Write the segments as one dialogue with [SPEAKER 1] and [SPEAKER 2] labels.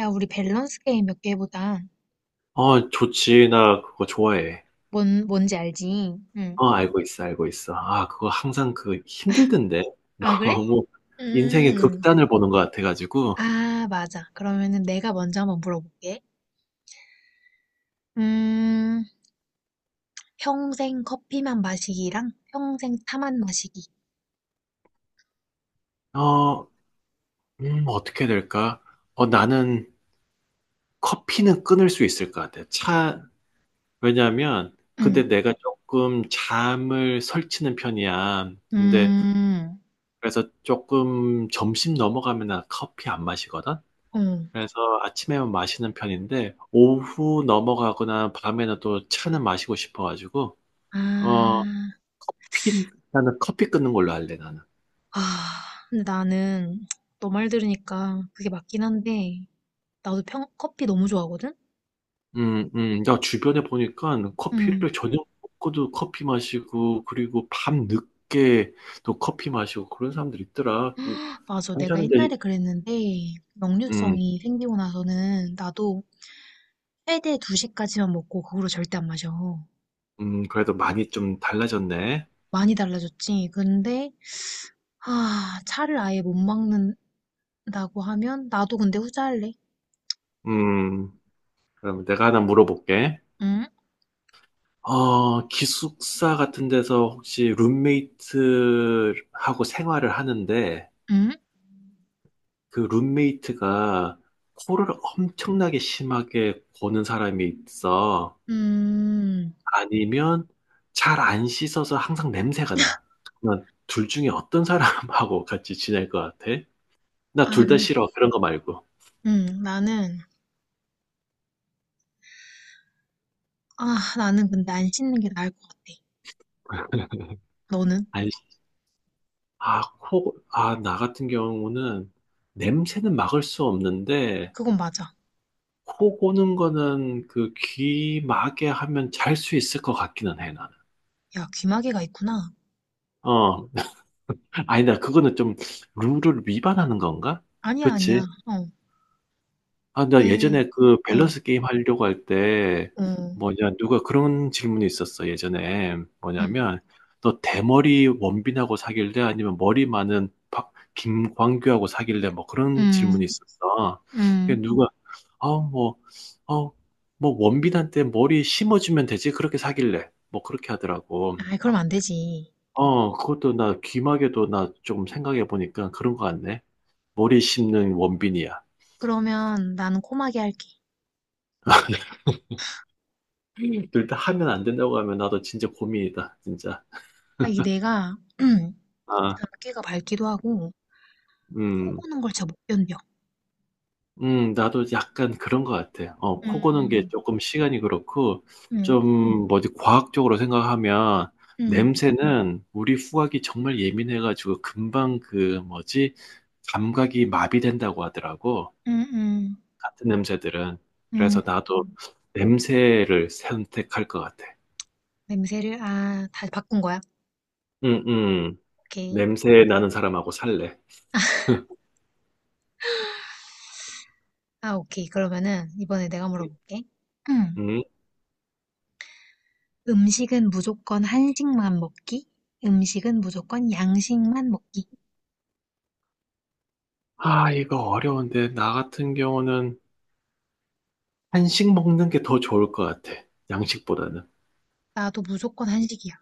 [SPEAKER 1] 야, 우리 밸런스 게임 몇 개 해보자.
[SPEAKER 2] 좋지. 나 그거 좋아해.
[SPEAKER 1] 뭔지 알지? 응.
[SPEAKER 2] 알고 있어, 알고 있어. 그거 항상 힘들던데.
[SPEAKER 1] 아, 그래?
[SPEAKER 2] 너무 인생의
[SPEAKER 1] 음.
[SPEAKER 2] 극단을 보는 것 같아가지고.
[SPEAKER 1] 아, 맞아. 그러면은 내가 먼저 한번 물어볼게. 음, 평생 커피만 마시기랑 평생 차만 마시기.
[SPEAKER 2] 어, 어떻게 될까? 나는 커피는 끊을 수 있을 것 같아. 왜냐면,
[SPEAKER 1] 응.
[SPEAKER 2] 근데 내가 조금 잠을 설치는 편이야. 근데,
[SPEAKER 1] 음,
[SPEAKER 2] 그래서 조금 점심 넘어가면 나 커피 안 마시거든?
[SPEAKER 1] 응.
[SPEAKER 2] 그래서 아침에만 마시는 편인데 오후 넘어가거나 밤에는 또 차는 마시고 싶어가지고 어
[SPEAKER 1] 아,
[SPEAKER 2] 커피 나는 커피 끊는 걸로 할래 나는.
[SPEAKER 1] 아, 근데 나는 너 말 들으니까 그게 맞긴 한데, 나도 평, 커피 너무 좋아하거든?
[SPEAKER 2] 나 주변에 보니까
[SPEAKER 1] 응.
[SPEAKER 2] 커피를 저녁 먹고도 커피 마시고 그리고 밤 늦게 또 커피 마시고 그런 사람들 있더라.
[SPEAKER 1] 맞아. 내가
[SPEAKER 2] 괜찮은데,
[SPEAKER 1] 옛날에 그랬는데,
[SPEAKER 2] 음,
[SPEAKER 1] 역류성이 생기고 나서는 나도 최대 2시까지만 먹고 그 후로 절대 안 마셔.
[SPEAKER 2] 그래도 많이 좀 달라졌네.
[SPEAKER 1] 많이 달라졌지. 근데 아, 차를 아예 못 먹는다고 하면 나도 근데 후자할래.
[SPEAKER 2] 음, 그럼 내가 하나 물어볼게.
[SPEAKER 1] 응?
[SPEAKER 2] 기숙사 같은 데서 혹시 룸메이트하고 생활을 하는데
[SPEAKER 1] 응?
[SPEAKER 2] 그 룸메이트가 코를 엄청나게 심하게 고는 사람이 있어.
[SPEAKER 1] 음.
[SPEAKER 2] 아니면 잘 안 씻어서 항상 냄새가 나. 그러면 둘 중에 어떤 사람하고 같이 지낼 것 같아? 나
[SPEAKER 1] 아,
[SPEAKER 2] 둘 다
[SPEAKER 1] 근
[SPEAKER 2] 싫어. 그런 거 말고.
[SPEAKER 1] 나는 아, 나는 근데 안 씻는 게 나을 것 같아. 너는?
[SPEAKER 2] 아니, 나 같은 경우는 냄새는 막을 수 없는데
[SPEAKER 1] 그건 맞아.
[SPEAKER 2] 코 고는 거는 귀마개 하면 잘 수 있을 것 같기는 해, 나는.
[SPEAKER 1] 야, 귀마개가 있구나.
[SPEAKER 2] 어. 아니다, 그거는 좀 룰을 위반하는 건가?
[SPEAKER 1] 아니야,
[SPEAKER 2] 그치?
[SPEAKER 1] 아니야. 어.
[SPEAKER 2] 나
[SPEAKER 1] 왜?
[SPEAKER 2] 예전에 그
[SPEAKER 1] 어.
[SPEAKER 2] 밸런스 게임 하려고 할 때,
[SPEAKER 1] 어.
[SPEAKER 2] 뭐냐, 누가 그런 질문이 있었어, 예전에.
[SPEAKER 1] 음.
[SPEAKER 2] 뭐냐면, 너 대머리 원빈하고 사귈래? 아니면 머리 많은 김광규하고 사귈래? 뭐 그런
[SPEAKER 1] 음.
[SPEAKER 2] 질문이 있었어. 그
[SPEAKER 1] 음.
[SPEAKER 2] 누가, 아, 뭐, 어, 뭐 원빈한테 머리 심어주면 되지? 그렇게 사귈래? 뭐 그렇게 하더라고.
[SPEAKER 1] 아, 그럼 안 되지.
[SPEAKER 2] 그것도 나 귀마개도 나 좀 생각해 보니까 그런 거 같네. 머리 심는 원빈이야.
[SPEAKER 1] 그러면 나는 코마개 할게.
[SPEAKER 2] 둘 다 하면 안 된다고 하면 나도 진짜 고민이다, 진짜.
[SPEAKER 1] 아, 이게 내가
[SPEAKER 2] 아,
[SPEAKER 1] 작게가 밝기도 하고 코
[SPEAKER 2] 음,
[SPEAKER 1] 고는 걸 잘 못 견뎌.
[SPEAKER 2] 나도 약간 그런 것 같아. 코 고는 게
[SPEAKER 1] 음,
[SPEAKER 2] 조금 시간이 그렇고,
[SPEAKER 1] 음,
[SPEAKER 2] 좀 뭐지, 과학적으로 생각하면,
[SPEAKER 1] 음,
[SPEAKER 2] 냄새는 우리 후각이 정말 예민해가지고 금방 뭐지, 감각이 마비된다고 하더라고.
[SPEAKER 1] 음, 음,
[SPEAKER 2] 같은 냄새들은.
[SPEAKER 1] 음.
[SPEAKER 2] 그래서 나도 냄새를 선택할 것 같아.
[SPEAKER 1] 냄새를, 아, 다 바꾼 거야?
[SPEAKER 2] 음, 음.
[SPEAKER 1] 오케이.
[SPEAKER 2] 냄새 나는 사람하고 살래.
[SPEAKER 1] 아, 오케이. 그러면은, 이번에 내가 물어볼게. 음.
[SPEAKER 2] 음.
[SPEAKER 1] 음식은 무조건 한식만 먹기? 음식은 무조건 양식만 먹기?
[SPEAKER 2] 이거 어려운데, 나 같은 경우는 한식 먹는 게 더 좋을 것 같아. 양식보다는.
[SPEAKER 1] 나도 무조건 한식이야.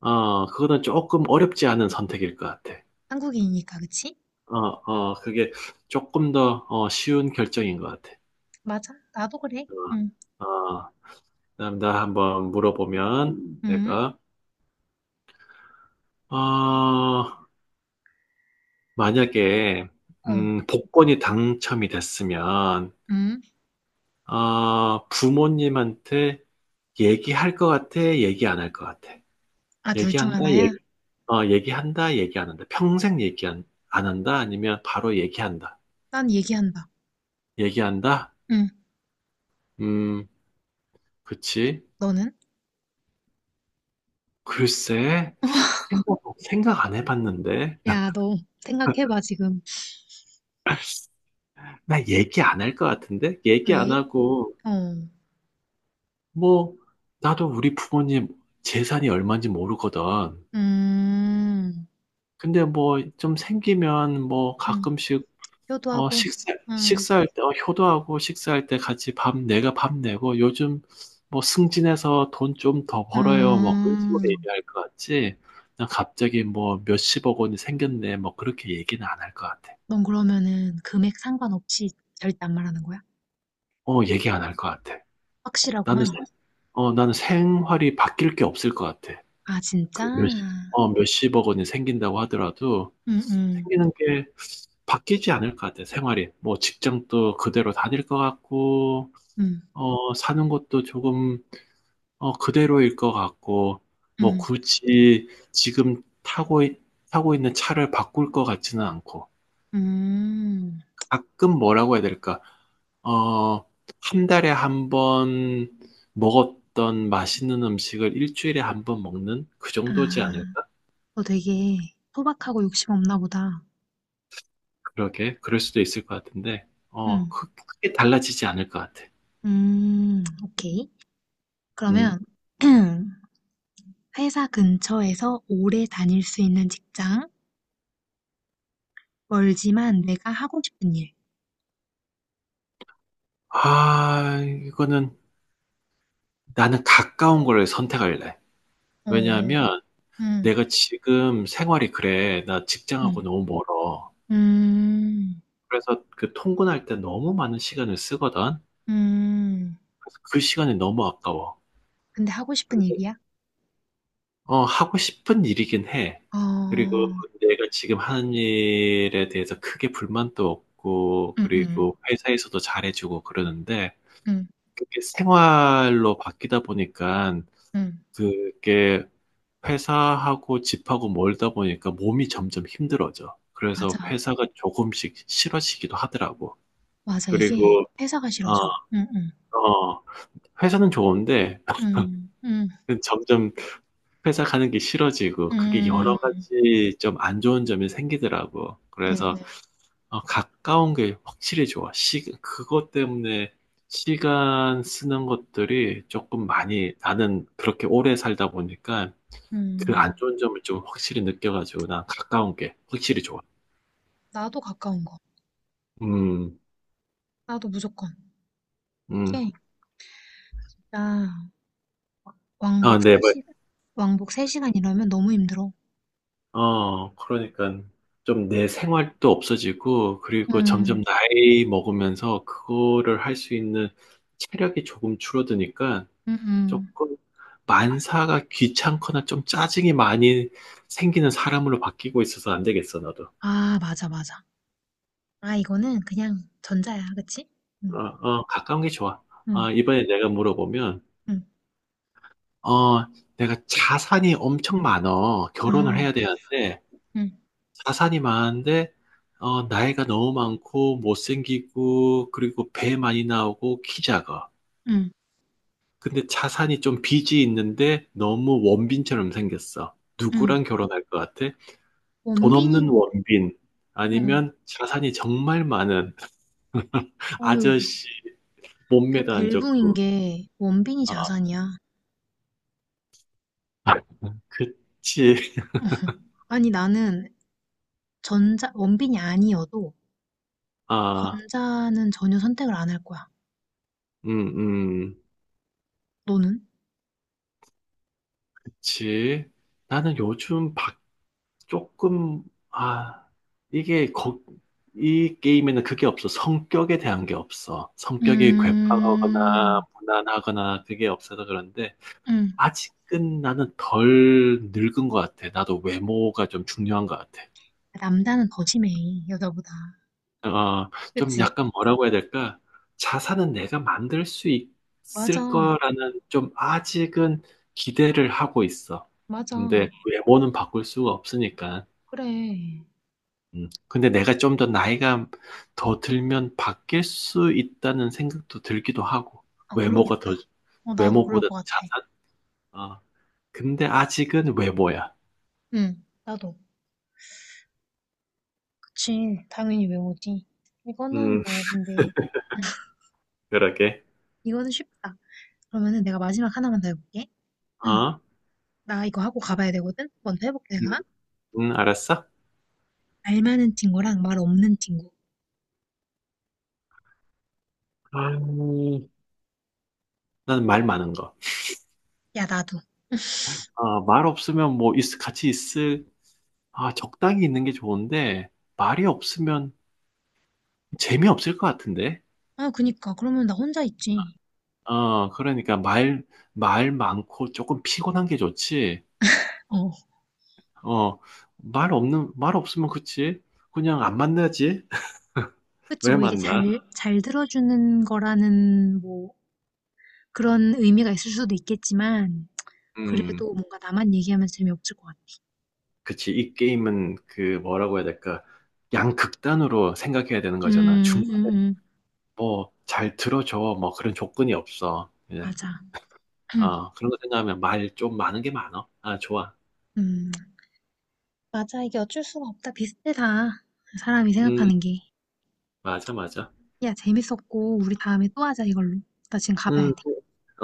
[SPEAKER 2] 그거는 조금 어렵지 않은 선택일 것 같아.
[SPEAKER 1] 한국인이니까, 그치?
[SPEAKER 2] 그게 조금 더 쉬운 결정인 것 같아.
[SPEAKER 1] 맞아. 나도 그래. 응,
[SPEAKER 2] 어, 어, 그다음 나 한번 물어보면
[SPEAKER 1] 응,
[SPEAKER 2] 내가, 어, 만약에,
[SPEAKER 1] 어,
[SPEAKER 2] 복권이 당첨이 됐으면,
[SPEAKER 1] 응.
[SPEAKER 2] 부모님한테 얘기할 것 같아? 얘기 안 할 것 같아?
[SPEAKER 1] 아, 둘 중
[SPEAKER 2] 얘기한다?
[SPEAKER 1] 하나야?
[SPEAKER 2] 얘기한다, 얘기 안 한다. 평생 얘기 안 한다? 아니면 바로 얘기한다.
[SPEAKER 1] 난 얘기한다.
[SPEAKER 2] 얘기한다?
[SPEAKER 1] 응,
[SPEAKER 2] 음, 그치.
[SPEAKER 1] 너는?
[SPEAKER 2] 글쎄, 생각 안 해봤는데.
[SPEAKER 1] 야, 너 생각해봐, 지금.
[SPEAKER 2] 나 얘기 안할 것 같은데? 얘기 안
[SPEAKER 1] 왜?
[SPEAKER 2] 하고,
[SPEAKER 1] 어.
[SPEAKER 2] 뭐, 나도 우리 부모님 재산이 얼마인지 모르거든.
[SPEAKER 1] 음.
[SPEAKER 2] 근데 뭐, 좀 생기면 뭐,
[SPEAKER 1] 음.
[SPEAKER 2] 가끔씩 어,
[SPEAKER 1] 효도하고.
[SPEAKER 2] 식사,
[SPEAKER 1] 음.
[SPEAKER 2] 식사할 때, 효도하고 식사할 때 같이 내가 밥 내고, 요즘 뭐 승진해서 돈 좀 더 벌어요. 뭐 그런 식으로
[SPEAKER 1] 음.
[SPEAKER 2] 얘기할 것 같지. 난 갑자기 뭐 몇십억 원이 생겼네. 뭐 그렇게 얘기는 안 할 것 같아.
[SPEAKER 1] 넌 그러면은 금액 상관없이 절대 안 말하는 거야?
[SPEAKER 2] 얘기 안 할 것 같아. 나는,
[SPEAKER 1] 확실하구만.
[SPEAKER 2] 생- 나는 생활이 바뀔 게 없을 것 같아.
[SPEAKER 1] 아, 진짜?
[SPEAKER 2] 몇십억 원이 생긴다고 하더라도
[SPEAKER 1] 음, 음.
[SPEAKER 2] 생기는 게 바뀌지 않을 것 같아. 생활이. 뭐 직장도 그대로 다닐 것 같고,
[SPEAKER 1] 음.
[SPEAKER 2] 사는 것도 조금 그대로일 것 같고, 뭐
[SPEAKER 1] 음.
[SPEAKER 2] 굳이 지금 타고 있는 차를 바꿀 것 같지는 않고,
[SPEAKER 1] 음.
[SPEAKER 2] 가끔 뭐라고 해야 될까? 어, 한 달에 한 번 먹었던 맛있는 음식을 일주일에 한 번 먹는 그 정도지
[SPEAKER 1] 아,
[SPEAKER 2] 않을까?
[SPEAKER 1] 너 되게 소박하고 욕심 없나 보다.
[SPEAKER 2] 그러게, 그럴 수도 있을 것 같은데,
[SPEAKER 1] 음.
[SPEAKER 2] 크게 달라지지 않을 것 같아.
[SPEAKER 1] 음. 오케이.
[SPEAKER 2] 음.
[SPEAKER 1] 그러면 회사 근처에서 오래 다닐 수 있는 직장, 멀지만 내가 하고 싶은 일.
[SPEAKER 2] 아, 이거는 나는 가까운 걸 선택할래.
[SPEAKER 1] 어,
[SPEAKER 2] 왜냐하면
[SPEAKER 1] 응.
[SPEAKER 2] 내가 지금 생활이 그래. 나 직장하고
[SPEAKER 1] 음.
[SPEAKER 2] 너무 멀어.
[SPEAKER 1] 음.
[SPEAKER 2] 그래서 그 통근할 때 너무 많은 시간을 쓰거든.
[SPEAKER 1] 음.
[SPEAKER 2] 그래서 그 시간이 너무 아까워.
[SPEAKER 1] 근데 하고 싶은 일이야?
[SPEAKER 2] 하고 싶은 일이긴 해.
[SPEAKER 1] 어.
[SPEAKER 2] 그리고
[SPEAKER 1] 음음.
[SPEAKER 2] 내가 지금 하는 일에 대해서 크게 불만도 없고,
[SPEAKER 1] 음.
[SPEAKER 2] 그리고 회사에서도 잘해주고 그러는데,
[SPEAKER 1] 음.
[SPEAKER 2] 그게 생활로 바뀌다 보니까,
[SPEAKER 1] 음.
[SPEAKER 2] 그게 회사하고 집하고 멀다 보니까 몸이 점점 힘들어져.
[SPEAKER 1] 맞아.
[SPEAKER 2] 그래서 회사가 조금씩 싫어지기도 하더라고.
[SPEAKER 1] 맞아. 이게
[SPEAKER 2] 그리고
[SPEAKER 1] 회사가
[SPEAKER 2] 어,
[SPEAKER 1] 싫어져. 음 음.
[SPEAKER 2] 어, 회사는 좋은데
[SPEAKER 1] 음. 음.
[SPEAKER 2] 점점 회사 가는 게 싫어지고 그게
[SPEAKER 1] 음.
[SPEAKER 2] 여러
[SPEAKER 1] 음.
[SPEAKER 2] 가지 좀 안 좋은 점이 생기더라고.
[SPEAKER 1] 음.
[SPEAKER 2] 그래서
[SPEAKER 1] 음.
[SPEAKER 2] 가까운 게 확실히 좋아. 그것 때문에 시간 쓰는 것들이 조금 많이 나는 그렇게 오래 살다 보니까 그 안
[SPEAKER 1] 음.
[SPEAKER 2] 좋은 점을 좀 확실히 느껴가지고 난 가까운 게 확실히 좋아.
[SPEAKER 1] 나도 가까운 거.
[SPEAKER 2] 음,
[SPEAKER 1] 나도 무조건.
[SPEAKER 2] 음.
[SPEAKER 1] 이게 나
[SPEAKER 2] 아,
[SPEAKER 1] 왕복
[SPEAKER 2] 네.
[SPEAKER 1] 3시간 왕복 3시간 이러면 너무 힘들어.
[SPEAKER 2] 그러니까 좀 내 생활도 없어지고, 그리고 점점
[SPEAKER 1] 음.
[SPEAKER 2] 나이 먹으면서 그거를 할 수 있는 체력이 조금 줄어드니까
[SPEAKER 1] 음음.
[SPEAKER 2] 조금 만사가 귀찮거나 좀 짜증이 많이 생기는 사람으로 바뀌고 있어서 안 되겠어, 나도.
[SPEAKER 1] 아, 맞아 맞아. 아, 이거는 그냥 전자야. 그치? 응
[SPEAKER 2] 어, 가까운 게 좋아.
[SPEAKER 1] 응
[SPEAKER 2] 이번에 내가 물어보면,
[SPEAKER 1] 응
[SPEAKER 2] 어, 내가 자산이 엄청 많어. 결혼을 해야
[SPEAKER 1] 응
[SPEAKER 2] 되는데,
[SPEAKER 1] 응
[SPEAKER 2] 자산이 많은데, 나이가 너무 많고, 못생기고, 그리고 배 많이 나오고, 키 작아.
[SPEAKER 1] 응
[SPEAKER 2] 근데 자산이 좀 빚이 있는데, 너무 원빈처럼 생겼어.
[SPEAKER 1] 응.
[SPEAKER 2] 누구랑 결혼할 것 같아? 돈
[SPEAKER 1] 원빈인,
[SPEAKER 2] 없는 원빈.
[SPEAKER 1] 어,
[SPEAKER 2] 아니면 자산이 정말 많은
[SPEAKER 1] 어, 이거,
[SPEAKER 2] 아저씨,
[SPEAKER 1] 이거
[SPEAKER 2] 몸매도 안
[SPEAKER 1] 벨붕인
[SPEAKER 2] 좋고.
[SPEAKER 1] 게 원빈이
[SPEAKER 2] 아,
[SPEAKER 1] 자산이야.
[SPEAKER 2] 그치.
[SPEAKER 1] 아니, 나는 전자, 원빈이 아니어도
[SPEAKER 2] 아,
[SPEAKER 1] 전자는 전혀 선택을 안 할 거야.
[SPEAKER 2] 음, 음,
[SPEAKER 1] 너는?
[SPEAKER 2] 그치. 나는 요즘 박 조금, 아, 이게 거, 이 게임에는 그게 없어. 성격에 대한 게 없어. 성격이 괴팍하거나
[SPEAKER 1] 음,
[SPEAKER 2] 무난하거나 그게 없어서 그런데
[SPEAKER 1] 응.
[SPEAKER 2] 아직은 나는 덜 늙은 것 같아. 나도 외모가 좀 중요한 것 같아.
[SPEAKER 1] 남자는 더 심해, 여자보다.
[SPEAKER 2] 어, 좀
[SPEAKER 1] 그치?
[SPEAKER 2] 약간 뭐라고 해야 될까? 자산은 내가 만들 수
[SPEAKER 1] 맞아,
[SPEAKER 2] 있을 거라는 좀 아직은 기대를 하고 있어.
[SPEAKER 1] 맞아.
[SPEAKER 2] 근데 외모는 바꿀 수가 없으니까.
[SPEAKER 1] 그래.
[SPEAKER 2] 근데 내가 좀 더 나이가 더 들면 바뀔 수 있다는 생각도 들기도 하고,
[SPEAKER 1] 아,
[SPEAKER 2] 외모가 더,
[SPEAKER 1] 그러겠다. 어, 나도 그럴
[SPEAKER 2] 외모보다
[SPEAKER 1] 것 같아.
[SPEAKER 2] 자산? 어. 근데 아직은 외모야.
[SPEAKER 1] 응, 나도. 그치, 당연히 외모지. 이거는
[SPEAKER 2] 음,
[SPEAKER 1] 뭐, 근데,
[SPEAKER 2] 그러게.
[SPEAKER 1] 이거는 쉽다. 그러면은 내가 마지막 하나만 더 해볼게. 응,
[SPEAKER 2] 어?
[SPEAKER 1] 나 이거 하고 가봐야 되거든? 먼저 해볼게,
[SPEAKER 2] 음,
[SPEAKER 1] 내가.
[SPEAKER 2] 알았어?
[SPEAKER 1] 말 많은 친구랑 말 없는 친구.
[SPEAKER 2] 음, 나는 말 많은 거.
[SPEAKER 1] 야, 나도.
[SPEAKER 2] 말 없으면 뭐, 같이 있을. 적당히 있는 게 좋은데, 말이 없으면 재미없을 것 같은데?
[SPEAKER 1] 아, 그니까. 그러면 나 혼자 있지.
[SPEAKER 2] 그러니까 말 많고 조금 피곤한 게 좋지.
[SPEAKER 1] 어,
[SPEAKER 2] 어, 말 없으면 그치. 그냥 안 만나지.
[SPEAKER 1] 그치.
[SPEAKER 2] 왜
[SPEAKER 1] 뭐 이게
[SPEAKER 2] 만나?
[SPEAKER 1] 잘 들어주는 거라는, 뭐, 그런 의미가 있을 수도 있겠지만,
[SPEAKER 2] 음,
[SPEAKER 1] 그래도 뭔가 나만 얘기하면 재미없을 것 같아.
[SPEAKER 2] 그치. 이 게임은 뭐라고 해야 될까? 양극단으로 생각해야 되는 거잖아.
[SPEAKER 1] 음, 음,
[SPEAKER 2] 중간에
[SPEAKER 1] 음.
[SPEAKER 2] 뭐 잘 들어줘. 뭐 그런 조건이 없어. 예.
[SPEAKER 1] 맞아.
[SPEAKER 2] 그런 거 생각하면 말 좀 많은 게 좋아.
[SPEAKER 1] 음, 맞아. 이게 어쩔 수가 없다. 비슷해, 다. 사람이
[SPEAKER 2] 음,
[SPEAKER 1] 생각하는 게.
[SPEAKER 2] 맞아, 맞아.
[SPEAKER 1] 야, 재밌었고, 우리 다음에 또 하자, 이걸로. 나 지금 가봐야
[SPEAKER 2] 음,
[SPEAKER 1] 돼.
[SPEAKER 2] 그-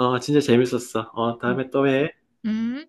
[SPEAKER 2] 진짜 재밌었어.
[SPEAKER 1] 응.
[SPEAKER 2] 다음에 또 해.
[SPEAKER 1] 음.